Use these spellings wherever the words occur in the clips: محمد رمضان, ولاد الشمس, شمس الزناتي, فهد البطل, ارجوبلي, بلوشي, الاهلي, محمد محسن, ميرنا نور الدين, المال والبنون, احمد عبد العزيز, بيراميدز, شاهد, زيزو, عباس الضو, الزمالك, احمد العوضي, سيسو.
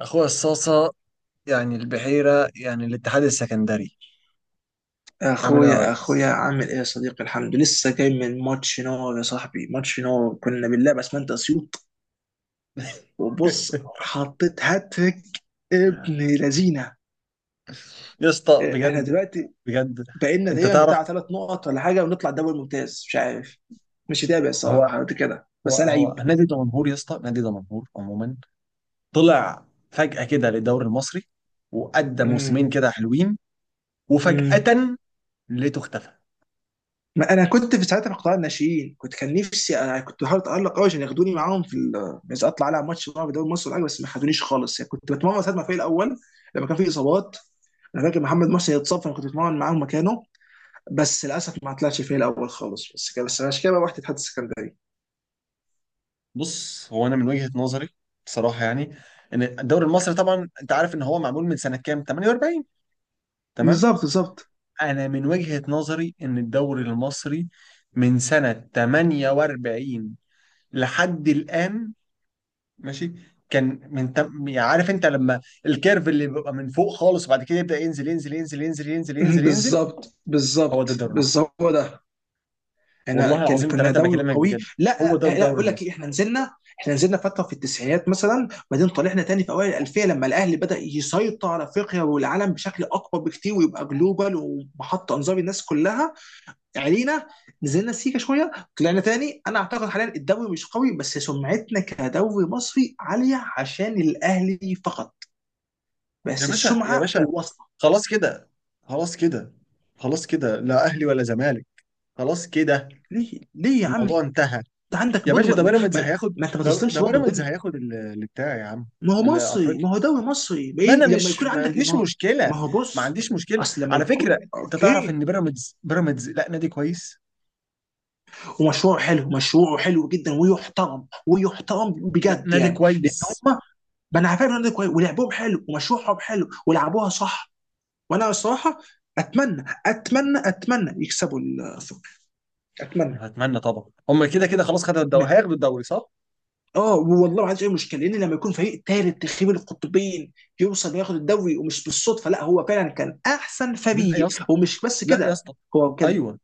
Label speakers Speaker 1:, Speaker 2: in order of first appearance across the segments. Speaker 1: اخويا الصاصة، يعني البحيرة، يعني الاتحاد السكندري. عامل ايه يا
Speaker 2: اخويا
Speaker 1: ريس؟
Speaker 2: اخويا عامل ايه يا صديقي؟ الحمد لله، لسه جاي من ماتش نار يا صاحبي، ماتش نار. كنا بنلعب اسمنت اسيوط وبص حطيت هاتريك ابن لذينه.
Speaker 1: يا اسطى
Speaker 2: إيه، احنا
Speaker 1: بجد.
Speaker 2: دلوقتي
Speaker 1: بجد
Speaker 2: بقينا
Speaker 1: انت
Speaker 2: تقريبا
Speaker 1: تعرف،
Speaker 2: بتاع ثلاث نقط ولا حاجه ونطلع الدوري الممتاز، مش عارف، مش متابع
Speaker 1: هو
Speaker 2: الصراحه قد كده،
Speaker 1: هو
Speaker 2: بس انا
Speaker 1: هو
Speaker 2: عيب.
Speaker 1: نادي دمنهور يا اسطى، نادي دمنهور عموما. طلع فجأة كده للدوري المصري، وأدى موسمين كده حلوين،
Speaker 2: امم
Speaker 1: وفجأة لقيته اختفى.
Speaker 2: ما انا كنت في ساعتها في قطاع الناشئين، كنت كان نفسي، انا كنت بحاول اتالق قوي عشان ياخدوني معاهم في عايز اطلع على ماتش معاهم في دوري مصر ولا حاجه، بس ما خدونيش خالص، يعني كنت بتمرن ساعه ما في الاول لما كان في اصابات. انا فاكر محمد محسن اتصاب فانا كنت بتمرن معاهم مكانه، بس للاسف ما طلعش في الاول خالص، بس كده، بس عشان كده بقى رحت اتحاد السكندري.
Speaker 1: بص، هو انا من وجهة نظري بصراحة، يعني ان الدوري المصري طبعا انت عارف ان هو معمول من سنة كام؟ 48. تمام.
Speaker 2: بالظبط بالظبط.
Speaker 1: انا من وجهة نظري ان الدوري المصري من سنة 48 لحد الان، ماشي. كان يعني عارف انت لما الكيرف اللي بيبقى من فوق خالص، وبعد كده يبدأ ينزل ينزل ينزل ينزل ينزل ينزل ينزل.
Speaker 2: بالظبط
Speaker 1: هو
Speaker 2: بالظبط
Speaker 1: ده الدوري المصري.
Speaker 2: بالظبط، هو ده. احنا
Speaker 1: والله
Speaker 2: كان
Speaker 1: العظيم
Speaker 2: كنا
Speaker 1: ثلاثة
Speaker 2: دوري
Speaker 1: بكلمك
Speaker 2: قوي،
Speaker 1: بجد، هو
Speaker 2: لا
Speaker 1: ده
Speaker 2: لا
Speaker 1: الدوري
Speaker 2: بقول لك ايه،
Speaker 1: المصري.
Speaker 2: احنا نزلنا، احنا نزلنا فتره في التسعينات مثلا، بعدين طلعنا تاني في اوائل الالفيه لما الاهلي بدا يسيطر على افريقيا والعالم بشكل اكبر بكتير، ويبقى جلوبال ومحط انظار الناس كلها علينا. نزلنا سيكا شويه، طلعنا تاني. انا اعتقد حاليا الدوري مش قوي، بس سمعتنا كدوري مصري عاليه عشان الاهلي فقط،
Speaker 1: يا
Speaker 2: بس
Speaker 1: باشا، يا
Speaker 2: السمعه
Speaker 1: باشا،
Speaker 2: واصله.
Speaker 1: خلاص كده، خلاص كده، خلاص كده، لا اهلي ولا زمالك، خلاص كده،
Speaker 2: ليه ليه يا عم؟ انت
Speaker 1: الموضوع انتهى.
Speaker 2: عندك
Speaker 1: يا
Speaker 2: برضه
Speaker 1: باشا،
Speaker 2: ما,
Speaker 1: ده
Speaker 2: ما,
Speaker 1: بيراميدز
Speaker 2: ما,
Speaker 1: هياخد.
Speaker 2: ما انت ما
Speaker 1: ده
Speaker 2: تسلمش برضه
Speaker 1: بيراميدز
Speaker 2: الدنيا.
Speaker 1: هياخد اللي بتاع يا عم،
Speaker 2: ما هو مصري،
Speaker 1: الافريقيا.
Speaker 2: ما هو دوري مصري، ما
Speaker 1: ما انا
Speaker 2: لما
Speaker 1: مش،
Speaker 2: يكون
Speaker 1: ما
Speaker 2: عندك إيه؟
Speaker 1: عنديش
Speaker 2: ما هو،
Speaker 1: مشكله
Speaker 2: ما هو
Speaker 1: ما
Speaker 2: بص،
Speaker 1: عنديش مشكله
Speaker 2: اصل لما
Speaker 1: على
Speaker 2: يكون
Speaker 1: فكره. انت تعرف
Speaker 2: اوكي
Speaker 1: ان بيراميدز لا نادي كويس،
Speaker 2: ومشروع حلو، مشروع حلو جدا، ويحترم ويحترم
Speaker 1: لا
Speaker 2: بجد،
Speaker 1: نادي
Speaker 2: يعني لان
Speaker 1: كويس.
Speaker 2: هم، ما انا عارف إن ده كويس ولعبهم حلو ومشروعهم حلو ولعبوها صح. وانا الصراحه اتمنى اتمنى اتمنى يكسبوا الثقه، اتمنى.
Speaker 1: أنا اتمنى طبعا، هم كده كده خلاص خدوا الدوري، هياخدوا الدوري صح.
Speaker 2: اه والله ما عنديش اي مشكله، لان لما يكون فريق ثالث تخيب القطبين يوصل ياخد الدوري، ومش بالصدفه، لا هو فعلا كان احسن
Speaker 1: لا يا
Speaker 2: فريق،
Speaker 1: اسطى،
Speaker 2: ومش بس
Speaker 1: لا يا
Speaker 2: كده،
Speaker 1: اسطى،
Speaker 2: هو كان
Speaker 1: ايوه.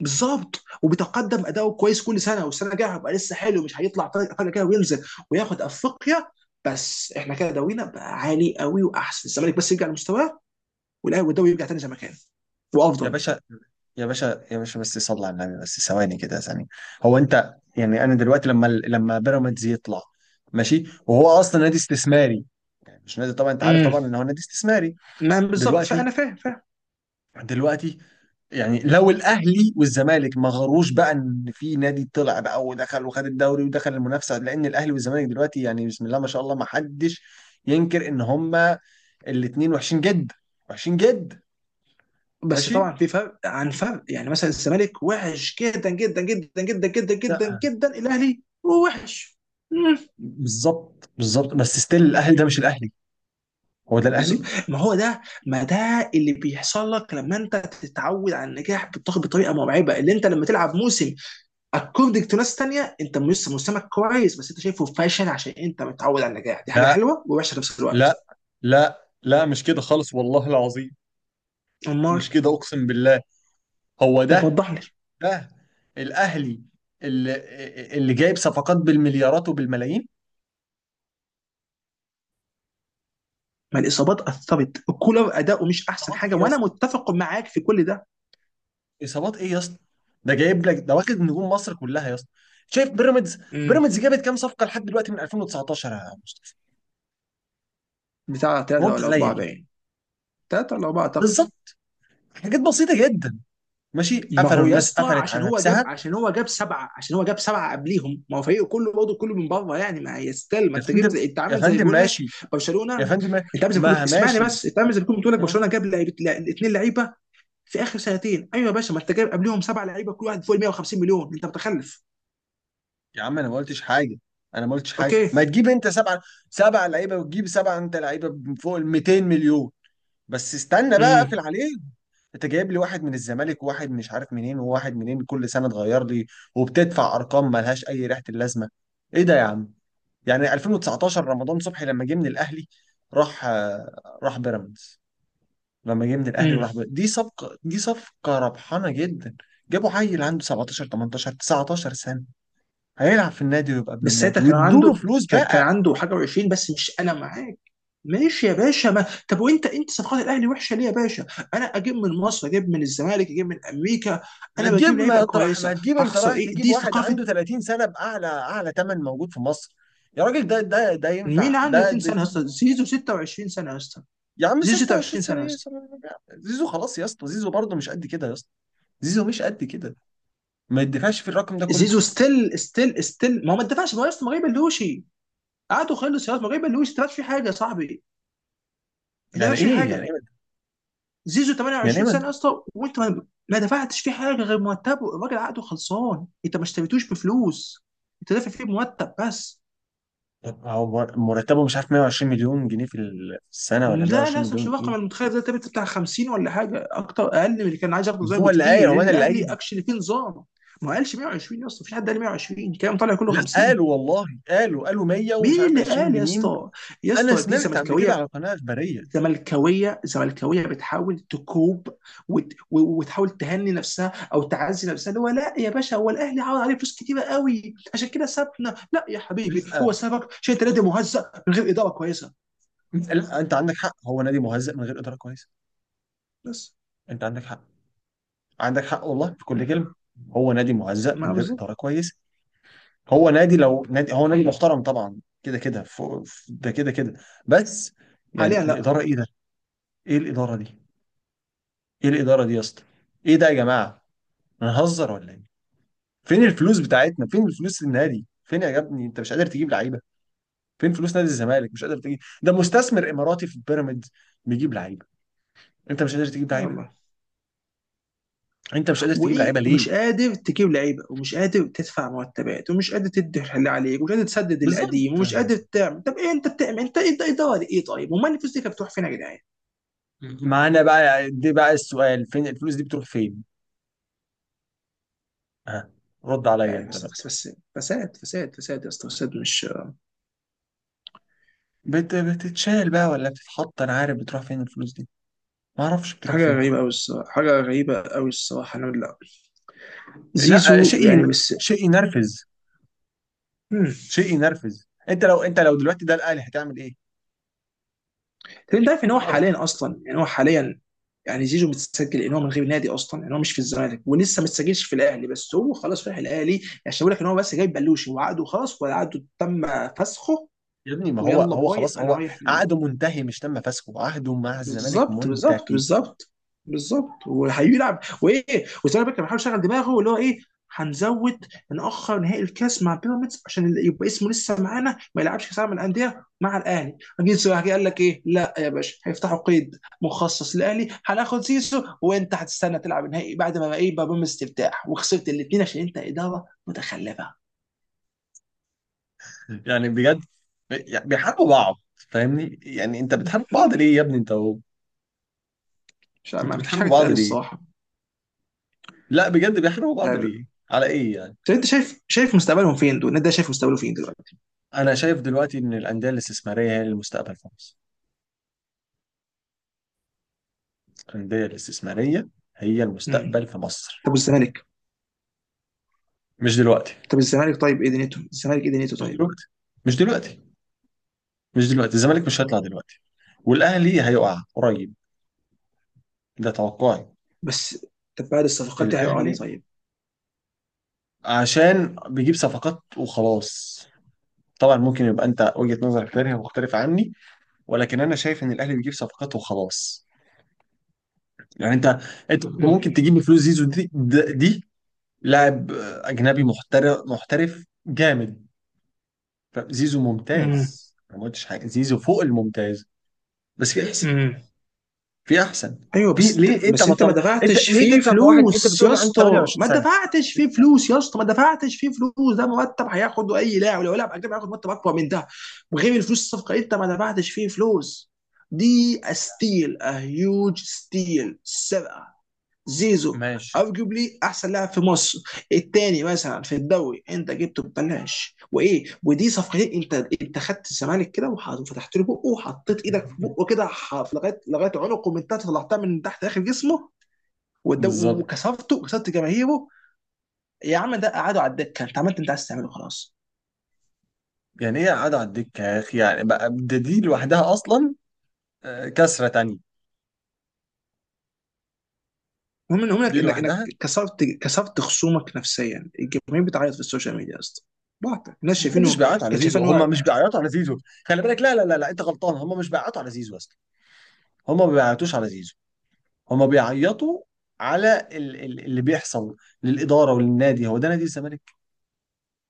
Speaker 2: بالظبط، وبيتقدم اداؤه كويس كل سنه، والسنه الجايه هيبقى لسه حلو، مش هيطلع طريق فجاه كده وينزل، وياخد افريقيا. بس احنا كده دورينا بقى عالي قوي واحسن، الزمالك بس يرجع لمستواه والاهلي، والدوري يرجع تاني زي ما كان
Speaker 1: يا
Speaker 2: وافضل.
Speaker 1: باشا، يا باشا، يا باشا، بس صلي على النبي بس، ثواني كده، ثانية. هو انت يعني انا دلوقتي لما بيراميدز يطلع ماشي، وهو اصلا نادي استثماري، مش نادي، طبعا انت عارف
Speaker 2: امم
Speaker 1: طبعا ان هو نادي استثماري.
Speaker 2: ما بالظبط،
Speaker 1: دلوقتي،
Speaker 2: فانا فاهم فاهم.
Speaker 1: دلوقتي، يعني لو الاهلي والزمالك ما غروش بقى ان في نادي طلع بقى ودخل وخد الدوري ودخل المنافسه، لان الاهلي والزمالك دلوقتي يعني بسم الله ما شاء الله ما حدش ينكر ان هما الاثنين وحشين جدا، وحشين جدا.
Speaker 2: بس
Speaker 1: ماشي.
Speaker 2: طبعا في فرق عن فرق، يعني مثلا الزمالك وحش جدا جدا جدا جدا جدا
Speaker 1: لا.
Speaker 2: جدا جدا، الاهلي هو وحش. مم.
Speaker 1: بالظبط، بالظبط، بس ستيل الاهلي، ده مش الاهلي، هو ده
Speaker 2: بز-
Speaker 1: الاهلي.
Speaker 2: ما هو ده، ما ده اللي بيحصل لك لما انت تتعود على النجاح بطريقه مرعبه، اللي انت لما تلعب موسم اكوردنج تو ناس تانيه، انت لسه موسمك كويس بس انت شايفه فاشل عشان انت متعود على النجاح. دي حاجه
Speaker 1: لا،
Speaker 2: حلوه ووحشه في نفس الوقت.
Speaker 1: لا، لا، لا، مش كده خالص والله العظيم،
Speaker 2: امال
Speaker 1: مش كده اقسم بالله. هو
Speaker 2: طب
Speaker 1: ده
Speaker 2: وضح لي.
Speaker 1: ده الاهلي اللي اللي جايب صفقات بالمليارات وبالملايين.
Speaker 2: ما الاصابات اثرت، كولر اداؤه مش احسن
Speaker 1: صفقات
Speaker 2: حاجه،
Speaker 1: ايه يا؟
Speaker 2: وانا متفق معاك في كل ده.
Speaker 1: اصابات ايه يا اسطى؟ ده جايب لك، ده واخد نجوم مصر كلها يا اسطى. شايف بيراميدز
Speaker 2: مم.
Speaker 1: بيراميدز جابت كام صفقه لحد دلوقتي من 2019 يا مصطفى؟
Speaker 2: بتاع ثلاثة
Speaker 1: رد
Speaker 2: ولا
Speaker 1: عليا
Speaker 2: أربعة
Speaker 1: كده.
Speaker 2: باين، ثلاثة ولا أربعة أعتقد.
Speaker 1: بالظبط، حاجات بسيطه جدا. ماشي،
Speaker 2: ما
Speaker 1: قفلوا
Speaker 2: هو يا
Speaker 1: الناس،
Speaker 2: اسطى،
Speaker 1: قفلت
Speaker 2: عشان
Speaker 1: على
Speaker 2: هو جاب،
Speaker 1: نفسها.
Speaker 2: عشان هو جاب سبعة قبليهم، ما هو فريقه كله برضه كله من بره، يعني ما يستل، ما
Speaker 1: يا
Speaker 2: أنت جبت،
Speaker 1: فندم،
Speaker 2: أنت
Speaker 1: يا
Speaker 2: عامل زي
Speaker 1: فندم
Speaker 2: بيقول لك
Speaker 1: ماشي، يا
Speaker 2: برشلونة.
Speaker 1: فندم،
Speaker 2: أنت عامل زي بيقول،
Speaker 1: ما
Speaker 2: اسمعني
Speaker 1: ماشي.
Speaker 2: بس، أنت عامل زي بيقول لك
Speaker 1: ها.
Speaker 2: برشلونة جاب لعيبة اتنين لعيبة في آخر سنتين، أيوة يا باشا، ما أنت جايب قبليهم سبعة لعيبة كل واحد فوق ال 150 مليون، أنت متخلف.
Speaker 1: يا عم، انا ما قلتش حاجه، انا ما قلتش حاجه.
Speaker 2: أوكي.
Speaker 1: ما تجيب انت سبعه لعيبه، وتجيب سبعه انت لعيبه فوق ال 200 مليون. بس استنى بقى،
Speaker 2: امم
Speaker 1: اقفل عليهم. انت جايب لي واحد من الزمالك، وواحد مش عارف منين، وواحد منين، كل سنه تغير لي. وبتدفع ارقام ملهاش اي ريحه اللازمه. ايه ده يا عم؟ يعني 2019 رمضان صبحي لما جه من الاهلي راح بيراميدز، لما جه من الاهلي وراح بيراميدز. دي صفقه ربحانه جدا. جابوا عيل عنده 17 18 19 سنه، هيلعب في النادي ويبقى ابن
Speaker 2: بس ساعتها
Speaker 1: النادي،
Speaker 2: كان
Speaker 1: وادوا له
Speaker 2: عنده،
Speaker 1: فلوس
Speaker 2: كان كان
Speaker 1: بقى.
Speaker 2: عنده حاجه و20، بس مش انا معاك. ماشي يا باشا، ما طب وانت انت صفقات الاهلي وحشه ليه يا باشا؟ انا اجيب من مصر، اجيب من الزمالك، اجيب من امريكا، انا بجيب لعيبه
Speaker 1: ما
Speaker 2: كويسه،
Speaker 1: تجيب انت
Speaker 2: هخسر
Speaker 1: رايح
Speaker 2: ايه؟
Speaker 1: تجيب
Speaker 2: دي
Speaker 1: واحد
Speaker 2: ثقافه.
Speaker 1: عنده 30 سنة بأعلى أعلى ثمن موجود في مصر. يا راجل، ده ينفع
Speaker 2: مين عنده
Speaker 1: ده
Speaker 2: 30
Speaker 1: ده
Speaker 2: سنه يا
Speaker 1: دي.
Speaker 2: اسطى؟ زيزو 26 سنه يا اسطى،
Speaker 1: يا عم،
Speaker 2: زيزو
Speaker 1: 26
Speaker 2: 26
Speaker 1: سنة؟
Speaker 2: سنه يا
Speaker 1: ايه يا
Speaker 2: اسطى.
Speaker 1: سلام يا عم. زيزو خلاص يا اسطى، زيزو برضه مش قد كده يا اسطى، زيزو مش قد كده، ما يدفعش في الرقم ده كله.
Speaker 2: زيزو ستيل ستيل ستيل، ما هو ما اتدفعش، ما هو يا اسطى ما غير بلوشي، قعدوا خلص يا اسطى، ما غير بلوشي ما اتدفعش فيه حاجه يا صاحبي، ما
Speaker 1: يعني
Speaker 2: اتدفعش فيه
Speaker 1: ايه؟ يعني ايه؟
Speaker 2: حاجه. زيزو
Speaker 1: يعني ايه؟
Speaker 2: 28 سنه يا اسطى، وانت ما ما دفعتش فيه حاجه غير مرتبه، الراجل عقده خلصان، انت ما اشتريتوش بفلوس، انت دافع فيه بمرتب بس.
Speaker 1: طب هو مرتبه مش عارف، 120 مليون جنيه في السنة، ولا
Speaker 2: لا لا،
Speaker 1: 120
Speaker 2: أصلاً مش
Speaker 1: مليون
Speaker 2: الرقم
Speaker 1: ايه؟
Speaker 2: المتخيل ده، تبقى بتاع 50 ولا حاجه، اكتر اقل من اللي كان عايز ياخده زي
Speaker 1: هو اللي قايل؟
Speaker 2: بكتير
Speaker 1: هو
Speaker 2: لان
Speaker 1: انا اللي
Speaker 2: الاهلي
Speaker 1: قايل.
Speaker 2: اكشلي فيه نظام. ما قالش 120 يا اسطى، مفيش حد قال 120، الكلام طالع كله
Speaker 1: لا،
Speaker 2: 50.
Speaker 1: قالوا والله، قالوا 100 ومش
Speaker 2: مين
Speaker 1: عارف
Speaker 2: اللي
Speaker 1: 20
Speaker 2: قال يا
Speaker 1: جنيه
Speaker 2: اسطى؟ يا
Speaker 1: انا
Speaker 2: اسطى دي
Speaker 1: سمعت قبل كده على
Speaker 2: زملكاويه،
Speaker 1: قناة اخبارية.
Speaker 2: زملكاويه، زملكاويه بتحاول تكوب، وتحاول تهني نفسها او تعزي نفسها، اللي هو لا يا باشا هو الاهلي عوض عليه فلوس كتيره قوي عشان كده سابنا، لا يا حبيبي هو
Speaker 1: لا
Speaker 2: سابك عشان انت نادي مهزأ من غير اداره كويسه
Speaker 1: انت عندك حق، هو نادي مهزأ من غير اداره كويسه.
Speaker 2: بس.
Speaker 1: انت عندك حق، عندك حق والله في كل كلمه. هو نادي مهزأ من
Speaker 2: ما
Speaker 1: غير
Speaker 2: بالظبط.
Speaker 1: اداره كويسه. هو نادي، لو نادي هو نادي محترم طبعا، كده كده ده كده كده، بس. يعني
Speaker 2: حاليا لا.
Speaker 1: الاداره ايه ده؟ ايه الاداره دي؟ ايه الاداره دي يا اسطى؟ ايه ده يا جماعه؟ هنهزر ولا ايه؟ فين الفلوس بتاعتنا؟ فين الفلوس النادي؟ فين يا ابني، انت مش قادر تجيب لعيبه؟ فين فلوس نادي الزمالك؟ مش قادر تجيب؟ ده مستثمر اماراتي في بيراميدز بيجيب لعيبه، انت مش قادر تجيب لعيبه؟
Speaker 2: الله.
Speaker 1: انت مش قادر تجيب لعيبه
Speaker 2: وايه،
Speaker 1: ليه؟
Speaker 2: ومش قادر تجيب لعيبه، ومش قادر تدفع مرتبات، ومش قادر تدي اللي عليك، ومش قادر تسدد القديم،
Speaker 1: بالظبط،
Speaker 2: ومش قادر تعمل، طب ايه انت بتعمل؟ انت انت اداره ايه طيب؟ وما الفلوس دي كانت بتروح فين يا جدعان؟
Speaker 1: معانا بقى يعني، دي بقى السؤال، فين الفلوس دي بتروح فين؟ ها، رد عليا
Speaker 2: يعني
Speaker 1: انت
Speaker 2: بس
Speaker 1: بقى.
Speaker 2: بس بس فساد فساد فساد يا اسطى، فساد مش
Speaker 1: بتتشال بقى ولا بتتحط؟ انا عارف بتروح فين الفلوس دي، ما اعرفش بتروح
Speaker 2: حاجه
Speaker 1: فين.
Speaker 2: غريبه قوي الصراحه، حاجه غريبه قوي الصراحه. انا لا،
Speaker 1: لا،
Speaker 2: زيزو، يعني بس.
Speaker 1: شيء ينرفز،
Speaker 2: مم.
Speaker 1: شيء ينرفز. انت لو دلوقتي ده الاهلي، هتعمل ايه؟
Speaker 2: طب انت عارف ان هو حاليا اصلا، يعني هو حاليا، يعني زيزو متسجل ان هو من غير نادي اصلا، ان هو مش في الزمالك ولسه ما اتسجلش في الاهلي، بس هو خلاص رايح الاهلي. عشان بقول لك ان هو بس جايب بلوشي، وعقده خلاص وعقده تم فسخه.
Speaker 1: يا ابني، ما هو
Speaker 2: ويلا
Speaker 1: هو
Speaker 2: باي
Speaker 1: خلاص،
Speaker 2: انا
Speaker 1: هو
Speaker 2: رايح.
Speaker 1: عقده منتهي، مش تم فسخه، عقده مع الزمالك
Speaker 2: بالظبط بالظبط
Speaker 1: منتهي.
Speaker 2: بالظبط بالظبط وهيلعب وايه، وزي ما بيكر بيحاول يشغل دماغه اللي هو ايه، هنزود نأخر نهائي الكاس مع بيراميدز عشان اللي يبقى اسمه لسه معانا ما يلعبش كاس العالم للأندية مع الأهلي. جه سواحي قال لك ايه؟ لا يا باشا، هيفتحوا قيد مخصص للأهلي، هناخد سيسو، وانت هتستنى تلعب النهائي بعد ما بقى ايه، بقى بيراميدز ترتاح وخسرت الاثنين عشان انت إدارة متخلفة.
Speaker 1: يعني بجد، يعني بيحاربوا بعض. فاهمني؟ يعني انت بتحارب بعض ليه يا ابني، انت هو.
Speaker 2: مش،
Speaker 1: انت
Speaker 2: ما فيش حاجة
Speaker 1: بتحاربوا بعض
Speaker 2: تتقال
Speaker 1: ليه؟
Speaker 2: الصراحة.
Speaker 1: لا بجد، بيحاربوا
Speaker 2: مش
Speaker 1: بعض
Speaker 2: عارف.
Speaker 1: ليه؟ على ايه؟
Speaker 2: طب انت شايف، شايف مستقبلهم فين دول؟ النادي ده شايف مستقبله فين دلوقتي؟
Speaker 1: انا شايف دلوقتي ان الانديه الاستثماريه هي المستقبل في مصر، الانديه الاستثماريه هي المستقبل في مصر.
Speaker 2: طب والزمالك،
Speaker 1: مش دلوقتي،
Speaker 2: طب الزمالك طيب، ايه دنيته الزمالك، ايه دنيته
Speaker 1: مش
Speaker 2: طيب؟
Speaker 1: دلوقتي، مش دلوقتي، مش دلوقتي الزمالك مش هيطلع دلوقتي، والاهلي هيقع قريب. ده توقعي.
Speaker 2: بس. طب بعد الصفقات دي هيقع عليه
Speaker 1: الاهلي
Speaker 2: طيب؟
Speaker 1: عشان بيجيب صفقات وخلاص. طبعا ممكن يبقى انت وجهة نظرك تانية مختلفة عني، ولكن انا شايف ان الاهلي بيجيب صفقات وخلاص. يعني انت ممكن
Speaker 2: مم.
Speaker 1: تجيب بفلوس زيزو دي لاعب اجنبي محترف، محترف جامد، فزيزو
Speaker 2: مم.
Speaker 1: ممتاز. أنا ما قلتش حاجه، زيزو فوق الممتاز، بس في احسن
Speaker 2: مم.
Speaker 1: في احسن
Speaker 2: ايوه،
Speaker 1: في
Speaker 2: بس انت،
Speaker 1: ليه انت
Speaker 2: بس
Speaker 1: ما
Speaker 2: انت ما
Speaker 1: تطلع انت
Speaker 2: دفعتش
Speaker 1: ليه
Speaker 2: فيه
Speaker 1: تدفع في واحد انت
Speaker 2: فلوس
Speaker 1: بتقول
Speaker 2: يا
Speaker 1: لي عنده
Speaker 2: اسطى،
Speaker 1: 28
Speaker 2: ما
Speaker 1: سنه؟
Speaker 2: دفعتش فيه فلوس يا اسطى، ما دفعتش فيه فلوس، ده مرتب هياخده اي لاعب، لو لاعب اجنبي هياخد مرتب اكبر من ده. وغير الفلوس، الصفقه انت ما دفعتش فيه فلوس، دي ستيل، ا هيوج ستيل، سرقه. زيزو
Speaker 1: ماشي.
Speaker 2: ارجوبلي احسن لاعب في مصر، الثاني مثلا في الدوري انت جبته ببلاش، وايه ودي صفقتين. انت، انت خدت الزمالك كده وفتحت له بقه، وحطيت ايدك في بقه كده في لغايه، لغايه عنقه من تحت، طلعتها من تحت اخر جسمه
Speaker 1: بالظبط.
Speaker 2: وكسرته، وكسرت جماهيره. يا عم ده قعدوا على الدكه، انت عملت انت عايز تعمله خلاص.
Speaker 1: يعني ايه قاعد على الدكه يا اخي؟ يعني بقى ده، دي لوحدها اصلا. آه، كسره تانية،
Speaker 2: المهم
Speaker 1: دي
Speaker 2: انك انك انك
Speaker 1: لوحدها.
Speaker 2: كسرت، كسرت خصومك نفسيا، الجماهير بتعيط في السوشيال ميديا يا اسطى، بعت الناس
Speaker 1: محدش
Speaker 2: شايفينه،
Speaker 1: بيعيط على
Speaker 2: كان
Speaker 1: زيزو،
Speaker 2: شايفين هو.
Speaker 1: هم مش بيعيطوا على زيزو، خلي بالك. لا، لا، لا، لا، انت غلطان، هم مش بيعيطوا على زيزو اصلا، هم ما بيعيطوش على زيزو. هم بيعيطوا على اللي بيحصل للاداره وللنادي، هو ده نادي الزمالك.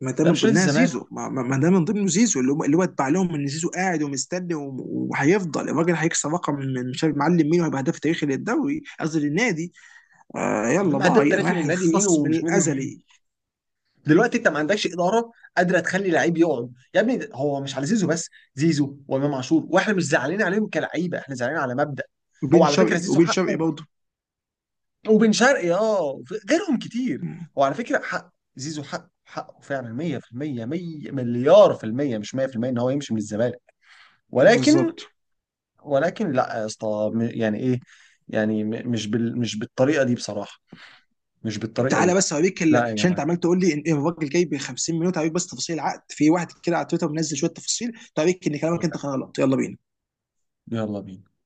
Speaker 2: ما ده
Speaker 1: ده
Speaker 2: من
Speaker 1: مش نادي
Speaker 2: ضمنها
Speaker 1: الزمالك.
Speaker 2: زيزو، ما ده من ضمنه زيزو، اللي هو اللي هو اتبع لهم ان زيزو قاعد ومستني وهيفضل الراجل هيكسر رقم من مش عارف معلم مين، وهيبقى هداف تاريخي للدوري، قصدي للنادي. آه
Speaker 1: يا
Speaker 2: يلا
Speaker 1: عم، هداف
Speaker 2: باي انا
Speaker 1: تاريخي
Speaker 2: رايح
Speaker 1: للنادي مين
Speaker 2: الخصم
Speaker 1: ومش نادي مين؟
Speaker 2: الازلي.
Speaker 1: دلوقتي انت ما عندكش اداره قادره تخلي لعيب يقعد يا ابني. هو مش على زيزو بس، زيزو وامام عاشور، واحنا مش زعلانين عليهم كلعيبه، احنا زعلانين على مبدأ. هو
Speaker 2: وبين
Speaker 1: على فكره
Speaker 2: شرقي،
Speaker 1: زيزو
Speaker 2: وبين شرقي
Speaker 1: حقه،
Speaker 2: برضه.
Speaker 1: وبن شرقي غيرهم كتير.
Speaker 2: مم.
Speaker 1: هو على فكره حق، زيزو حقه، حقه فعلا 100%، 100 مليار في المية، مش 100% ان هو يمشي من الزمالك، ولكن
Speaker 2: بالظبط.
Speaker 1: ولكن لا يا اسطى، يعني ايه، مش بالطريقه دي بصراحه، مش بالطريقه
Speaker 2: تعالى
Speaker 1: دي.
Speaker 2: بس اوريك
Speaker 1: لا يا
Speaker 2: عشان انت
Speaker 1: جماعه،
Speaker 2: عمال تقول لي ان إن الراجل جاي ب 50 مليون، تعالى بس تفاصيل العقد، في واحد كده على تويتر منزل شويه تفاصيل، تعالى ان كلامك انت غلط، يلا بينا.
Speaker 1: يلا بينا.